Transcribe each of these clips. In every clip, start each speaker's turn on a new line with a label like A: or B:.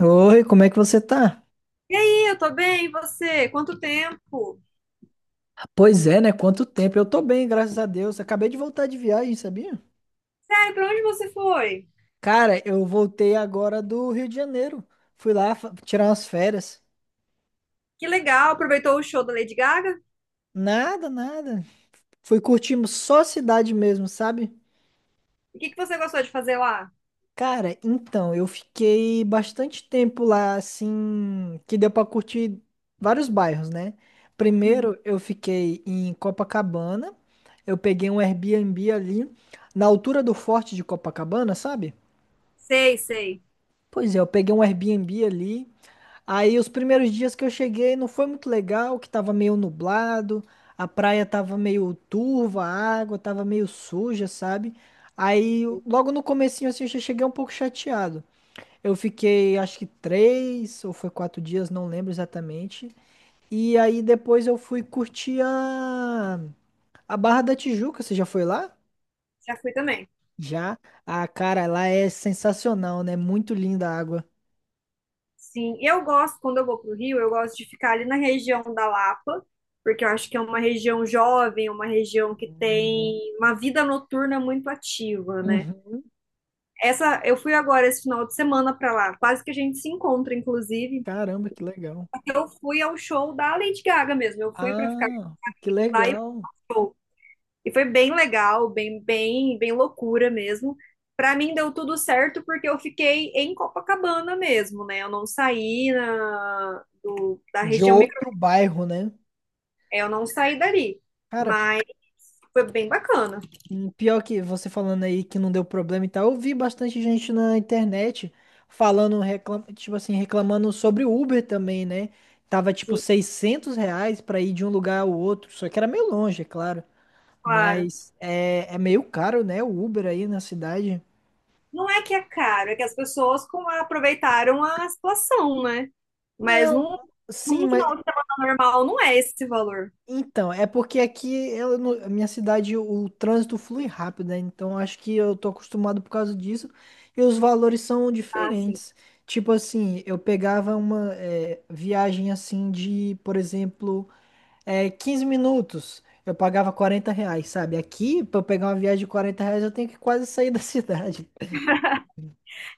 A: Oi, como é que você tá?
B: E aí, eu tô bem, e você? Quanto tempo?
A: Pois é, né? Quanto tempo? Eu tô bem, graças a Deus. Acabei de voltar de viagem, sabia?
B: Sério, pra onde você foi?
A: Cara, eu voltei agora do Rio de Janeiro. Tirar umas férias.
B: Que legal, aproveitou o show da Lady Gaga?
A: Nada, nada. Fui curtindo só a cidade mesmo, sabe?
B: E o que que você gostou de fazer lá?
A: Cara, então, eu fiquei bastante tempo lá, assim, que deu pra curtir vários bairros, né?
B: Uhum.
A: Primeiro, eu fiquei em Copacabana. Eu peguei um Airbnb ali, na altura do Forte de Copacabana, sabe?
B: Sei, sei,
A: Pois é, eu peguei um Airbnb ali. Aí os primeiros dias que eu cheguei não foi muito legal, que tava meio nublado, a praia tava meio turva, a água tava meio suja, sabe? Aí logo no comecinho assim eu já cheguei um pouco chateado. Eu fiquei acho que três ou foi quatro dias, não lembro exatamente. E aí depois eu fui curtir a Barra da Tijuca. Você já foi lá?
B: já fui também.
A: Já. Ah, cara, lá é sensacional, né? Muito linda a água.
B: Sim, eu gosto, quando eu vou pro Rio, eu gosto de ficar ali na região da Lapa, porque eu acho que é uma região jovem, uma região que tem uma vida noturna muito ativa, né?
A: Uhum.
B: Essa, eu fui agora esse final de semana pra lá, quase que a gente se encontra, inclusive.
A: Caramba, que legal.
B: Eu fui ao show da Lady Gaga mesmo, eu fui pra ficar
A: Ah, que
B: lá e
A: legal.
B: E foi bem legal, bem, bem, bem loucura mesmo. Para mim deu tudo certo porque eu fiquei em Copacabana mesmo, né? Eu não saí da
A: De
B: região micro,
A: outro bairro, né?
B: é, eu não saí dali,
A: Cara,
B: mas foi bem bacana.
A: e pior que você falando aí que não deu problema e tal, eu vi bastante gente na internet tipo assim, reclamando sobre o Uber também, né? Tava tipo
B: Sim,
A: 600 reais pra ir de um lugar ao outro, só que era meio longe, é claro.
B: claro.
A: Mas é meio caro, né? O Uber aí na cidade.
B: Não é que é caro, é que as pessoas aproveitaram a situação, né? Mas
A: Não,
B: num,
A: sim,
B: num
A: mas
B: final de semana normal não é esse valor.
A: então, é porque aqui, não- a minha cidade, trânsito flui rápido, né? Então, acho que eu tô acostumado por causa disso. E os valores são
B: Ah, sim.
A: diferentes. Tipo assim, eu pegava uma viagem assim de, por exemplo, 15 minutos. Eu pagava 40 reais, sabe? Aqui, pra eu pegar uma viagem de 40 reais, eu tenho que quase sair da cidade.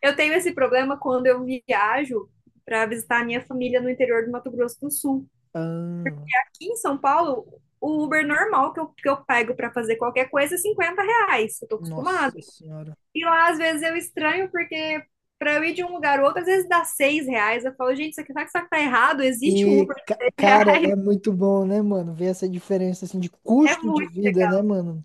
B: Eu tenho esse problema quando eu viajo para visitar a minha família no interior do Mato Grosso do Sul.
A: Ah,
B: Aqui em São Paulo, o Uber normal que eu pego para fazer qualquer coisa é R$ 50. Eu tô acostumada.
A: nossa senhora.
B: E lá, às vezes, eu estranho porque para eu ir de um lugar ao outro, às vezes dá R$ 6. Eu falo, gente, isso aqui, será que isso aqui tá errado? Existe um
A: E,
B: Uber de 6
A: cara,
B: reais.
A: é muito bom, né, mano? Ver essa diferença assim de
B: É
A: custo de
B: muito,
A: vida, né, mano?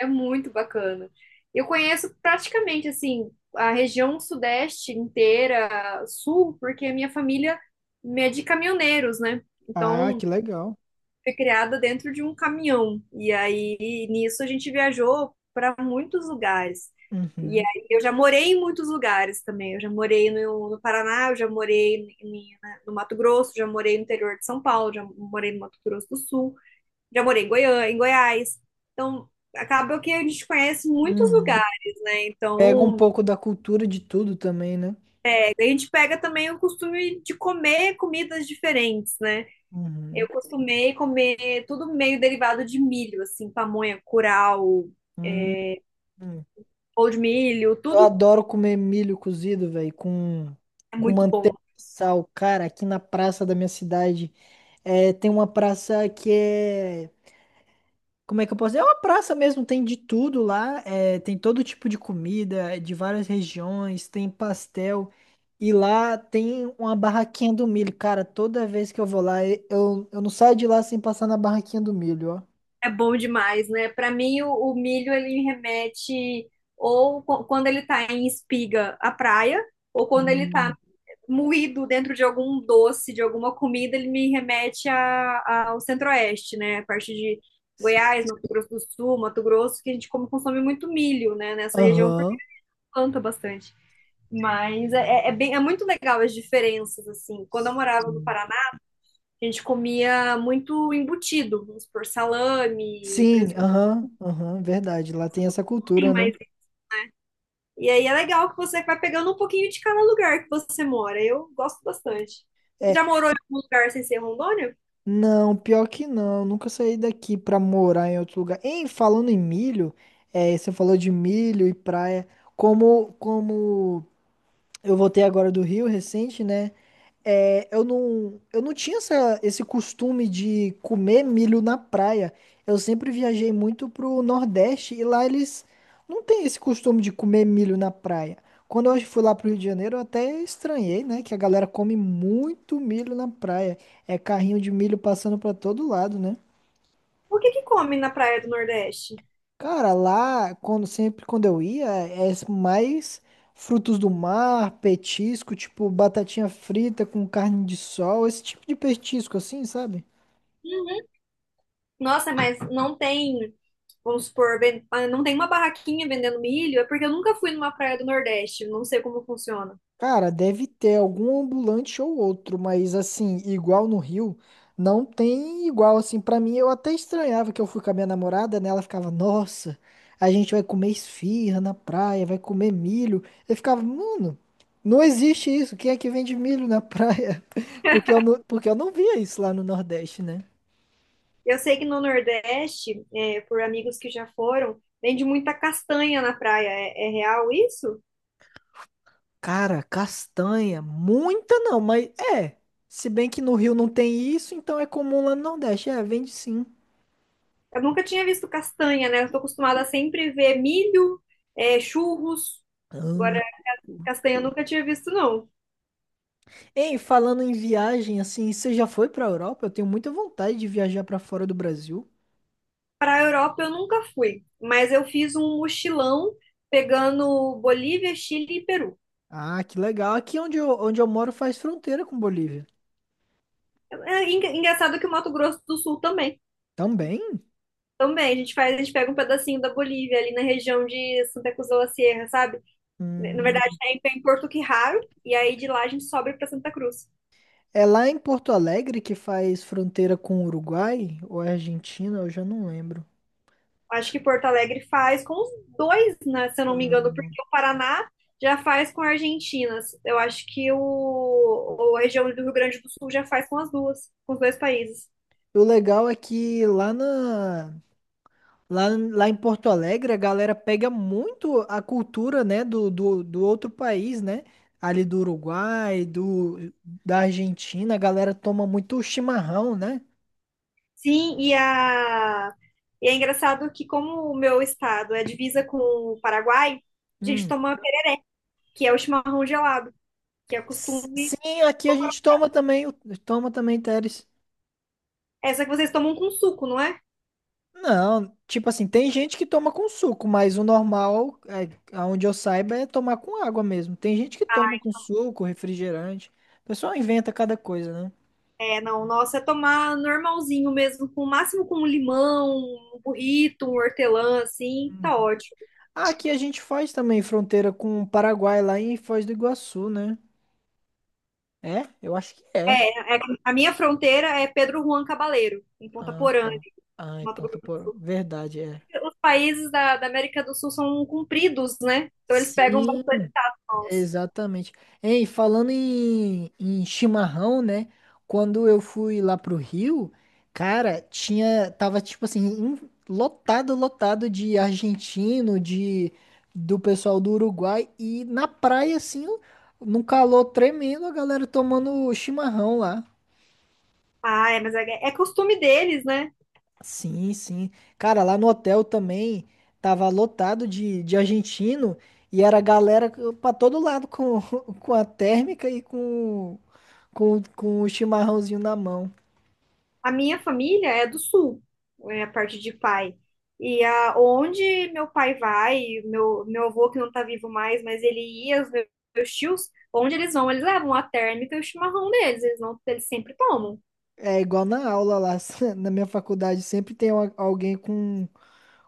B: é muito bacana. Eu conheço praticamente, assim, a região sudeste inteira, sul, porque a minha família é de caminhoneiros, né?
A: Ah,
B: Então,
A: que legal.
B: foi criada dentro de um caminhão. E aí nisso a gente viajou para muitos lugares. E
A: Uhum,
B: aí eu já morei em muitos lugares também. Eu já morei no Paraná, eu já morei no Mato Grosso, já morei no interior de São Paulo, já morei no Mato Grosso do Sul, já morei em Goiânia, em Goiás. Então acaba que a gente conhece muitos
A: uhum.
B: lugares, né?
A: Pega um
B: Então
A: pouco da cultura de tudo também, né?
B: é, a gente pega também o costume de comer comidas diferentes, né? Eu
A: Uhum.
B: costumei comer tudo meio derivado de milho, assim, pamonha, curau,
A: Uhum.
B: ou de milho,
A: Eu
B: tudo
A: adoro comer milho cozido, velho,
B: é
A: com
B: muito bom.
A: manteiga e sal. Cara, aqui na praça da minha cidade tem uma praça que é como é que eu posso dizer? É uma praça mesmo, tem de tudo lá, é, tem todo tipo de comida, é, de várias regiões, tem pastel. E lá tem uma barraquinha do milho. Cara, toda vez que eu vou lá, eu não saio de lá sem passar na barraquinha do milho, ó.
B: É bom demais, né? Para mim, o milho, ele me remete ou quando ele tá em espiga, à praia, ou quando ele tá
A: Hum,
B: moído dentro de algum doce, de alguma comida, ele me remete ao Centro-Oeste, né? A parte de
A: sim.
B: Goiás, Mato Grosso do Sul, Mato Grosso, que a gente come, consome muito milho, né? Nessa região, porque
A: Aham.
B: planta bastante. É muito legal as diferenças, assim. Quando eu morava no
A: Hum.
B: Paraná, a gente comia muito embutido, vamos por salame,
A: Sim,
B: presunto,
A: aham, aham, verdade. Lá tem essa
B: tem
A: cultura, né?
B: mais. E aí é legal que você vai pegando um pouquinho de cada lugar que você mora. Eu gosto bastante. Você já
A: É,
B: morou em algum lugar sem ser Rondônia?
A: não, pior que não. Nunca saí daqui pra morar em outro lugar. Em falando em milho, é, você falou de milho e praia. Como, como eu voltei agora do Rio recente, né? É, eu não tinha esse costume de comer milho na praia. Eu sempre viajei muito pro Nordeste e lá eles não têm esse costume de comer milho na praia. Quando eu fui lá pro Rio de Janeiro, eu até estranhei, né? Que a galera come muito milho na praia. É carrinho de milho passando pra todo lado, né?
B: O que que come na praia do Nordeste?
A: Cara, lá, quando sempre quando eu ia, é mais frutos do mar, petisco, tipo batatinha frita com carne de sol, esse tipo de petisco assim, sabe?
B: Uhum. Nossa, mas não tem, vamos supor, ven- ah, não tem uma barraquinha vendendo milho, é porque eu nunca fui numa praia do Nordeste, não sei como funciona.
A: Cara, deve ter algum ambulante ou outro, mas assim, igual no Rio, não tem igual assim. Pra mim, eu até estranhava que eu fui com a minha namorada, né? Ela ficava, nossa, a gente vai comer esfirra na praia, vai comer milho. Eu ficava, mano, não existe isso. Quem é que vende milho na praia? Porque eu não via isso lá no Nordeste, né?
B: Eu sei que no Nordeste, é, por amigos que já foram, vende muita castanha na praia. É, é real isso?
A: Cara, castanha, muita não, mas é. Se bem que no Rio não tem isso, então é comum lá no Nordeste. É, vende sim.
B: Eu nunca tinha visto castanha, né? Eu estou acostumada a sempre ver milho, é, churros. Agora,
A: Ah.
B: castanha eu nunca tinha visto, não.
A: Ei, falando em viagem, assim, você já foi pra Europa? Eu tenho muita vontade de viajar pra fora do Brasil.
B: Para a Europa eu nunca fui, mas eu fiz um mochilão pegando Bolívia, Chile e Peru.
A: Ah, que legal. Aqui onde eu moro faz fronteira com Bolívia.
B: É é engraçado que o Mato Grosso do Sul também.
A: Também?
B: Também, a gente faz, a gente pega um pedacinho da Bolívia ali na região de Santa Cruz de la Sierra, sabe? Na verdade,
A: Hum,
B: é em Porto Quirraro, e aí de lá a gente sobe para Santa Cruz.
A: é lá em Porto Alegre que faz fronteira com o Uruguai ou é Argentina, eu já não lembro.
B: Acho que Porto Alegre faz com os dois, né, se eu não me engano,
A: Hum,
B: porque o Paraná já faz com a Argentina. Eu acho que a região do Rio Grande do Sul já faz com as duas, com os dois países.
A: O legal é que lá em Porto Alegre, a galera pega muito a cultura, né, do outro país, né? Ali da Argentina, a galera toma muito chimarrão, né?
B: Sim, e, a, e é engraçado que como o meu estado é divisa com o Paraguai, a gente
A: Hum.
B: toma, que é o chimarrão gelado, que é costume.
A: Sim, aqui a gente toma toma também, Teres.
B: Essa que vocês tomam com suco, não é?
A: Não, tipo assim, tem gente que toma com suco, mas o normal, é, aonde eu saiba, é tomar com água mesmo. Tem gente que toma com suco, refrigerante. O pessoal inventa cada coisa, né?
B: É, não, nossa, é tomar normalzinho mesmo, com o máximo com um limão, um burrito, um hortelã, assim,
A: Hum.
B: tá ótimo.
A: Aqui a gente faz também fronteira com o Paraguai, lá em Foz do Iguaçu, né? É? Eu acho que é.
B: A minha fronteira é Pedro Juan Cabaleiro, em Ponta
A: Ah,
B: Porã,
A: tá.
B: em
A: Ai,
B: Mato
A: ponta
B: Grosso do
A: por...
B: Sul.
A: Verdade, é.
B: Os países da América do Sul são compridos, né? Então eles pegam
A: Sim,
B: bastante tato nosso.
A: exatamente. Ei, falando em chimarrão, né? Quando eu fui lá pro Rio, cara, tava tipo assim, lotado, lotado de argentino, de do pessoal do Uruguai e na praia assim, num calor tremendo, a galera tomando chimarrão lá.
B: Ah, é, mas é, é costume deles, né?
A: Sim, sim. Cara, lá no hotel também tava lotado de argentino e era galera pra todo lado com a térmica e com o chimarrãozinho na mão.
B: A minha família é do sul, é a parte de pai. E a, onde meu pai vai, meu avô que não tá vivo mais, mas ele ia, os meus, meus tios, onde eles vão, eles levam a térmica e o chimarrão deles, eles não, eles sempre tomam.
A: É igual na aula lá, na minha faculdade, sempre tem alguém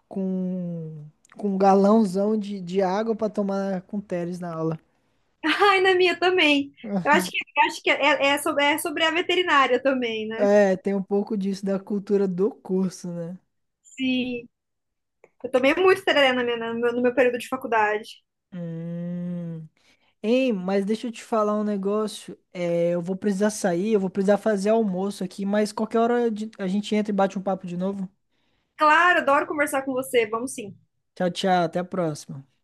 A: com, com um galãozão de água pra tomar com Teles na aula.
B: Ai, na minha também. Eu acho que é, é, é sobre a veterinária também, né?
A: É, tem um pouco disso da cultura do curso, né?
B: Sim. Eu tomei muito tereré na minha, no meu no meu período de faculdade.
A: Hum. Ei, mas deixa eu te falar um negócio. É, eu vou precisar sair, eu vou precisar fazer almoço aqui, mas qualquer hora a gente entra e bate um papo de novo.
B: Claro, adoro conversar com você. Vamos sim.
A: Tchau, tchau, até a próxima.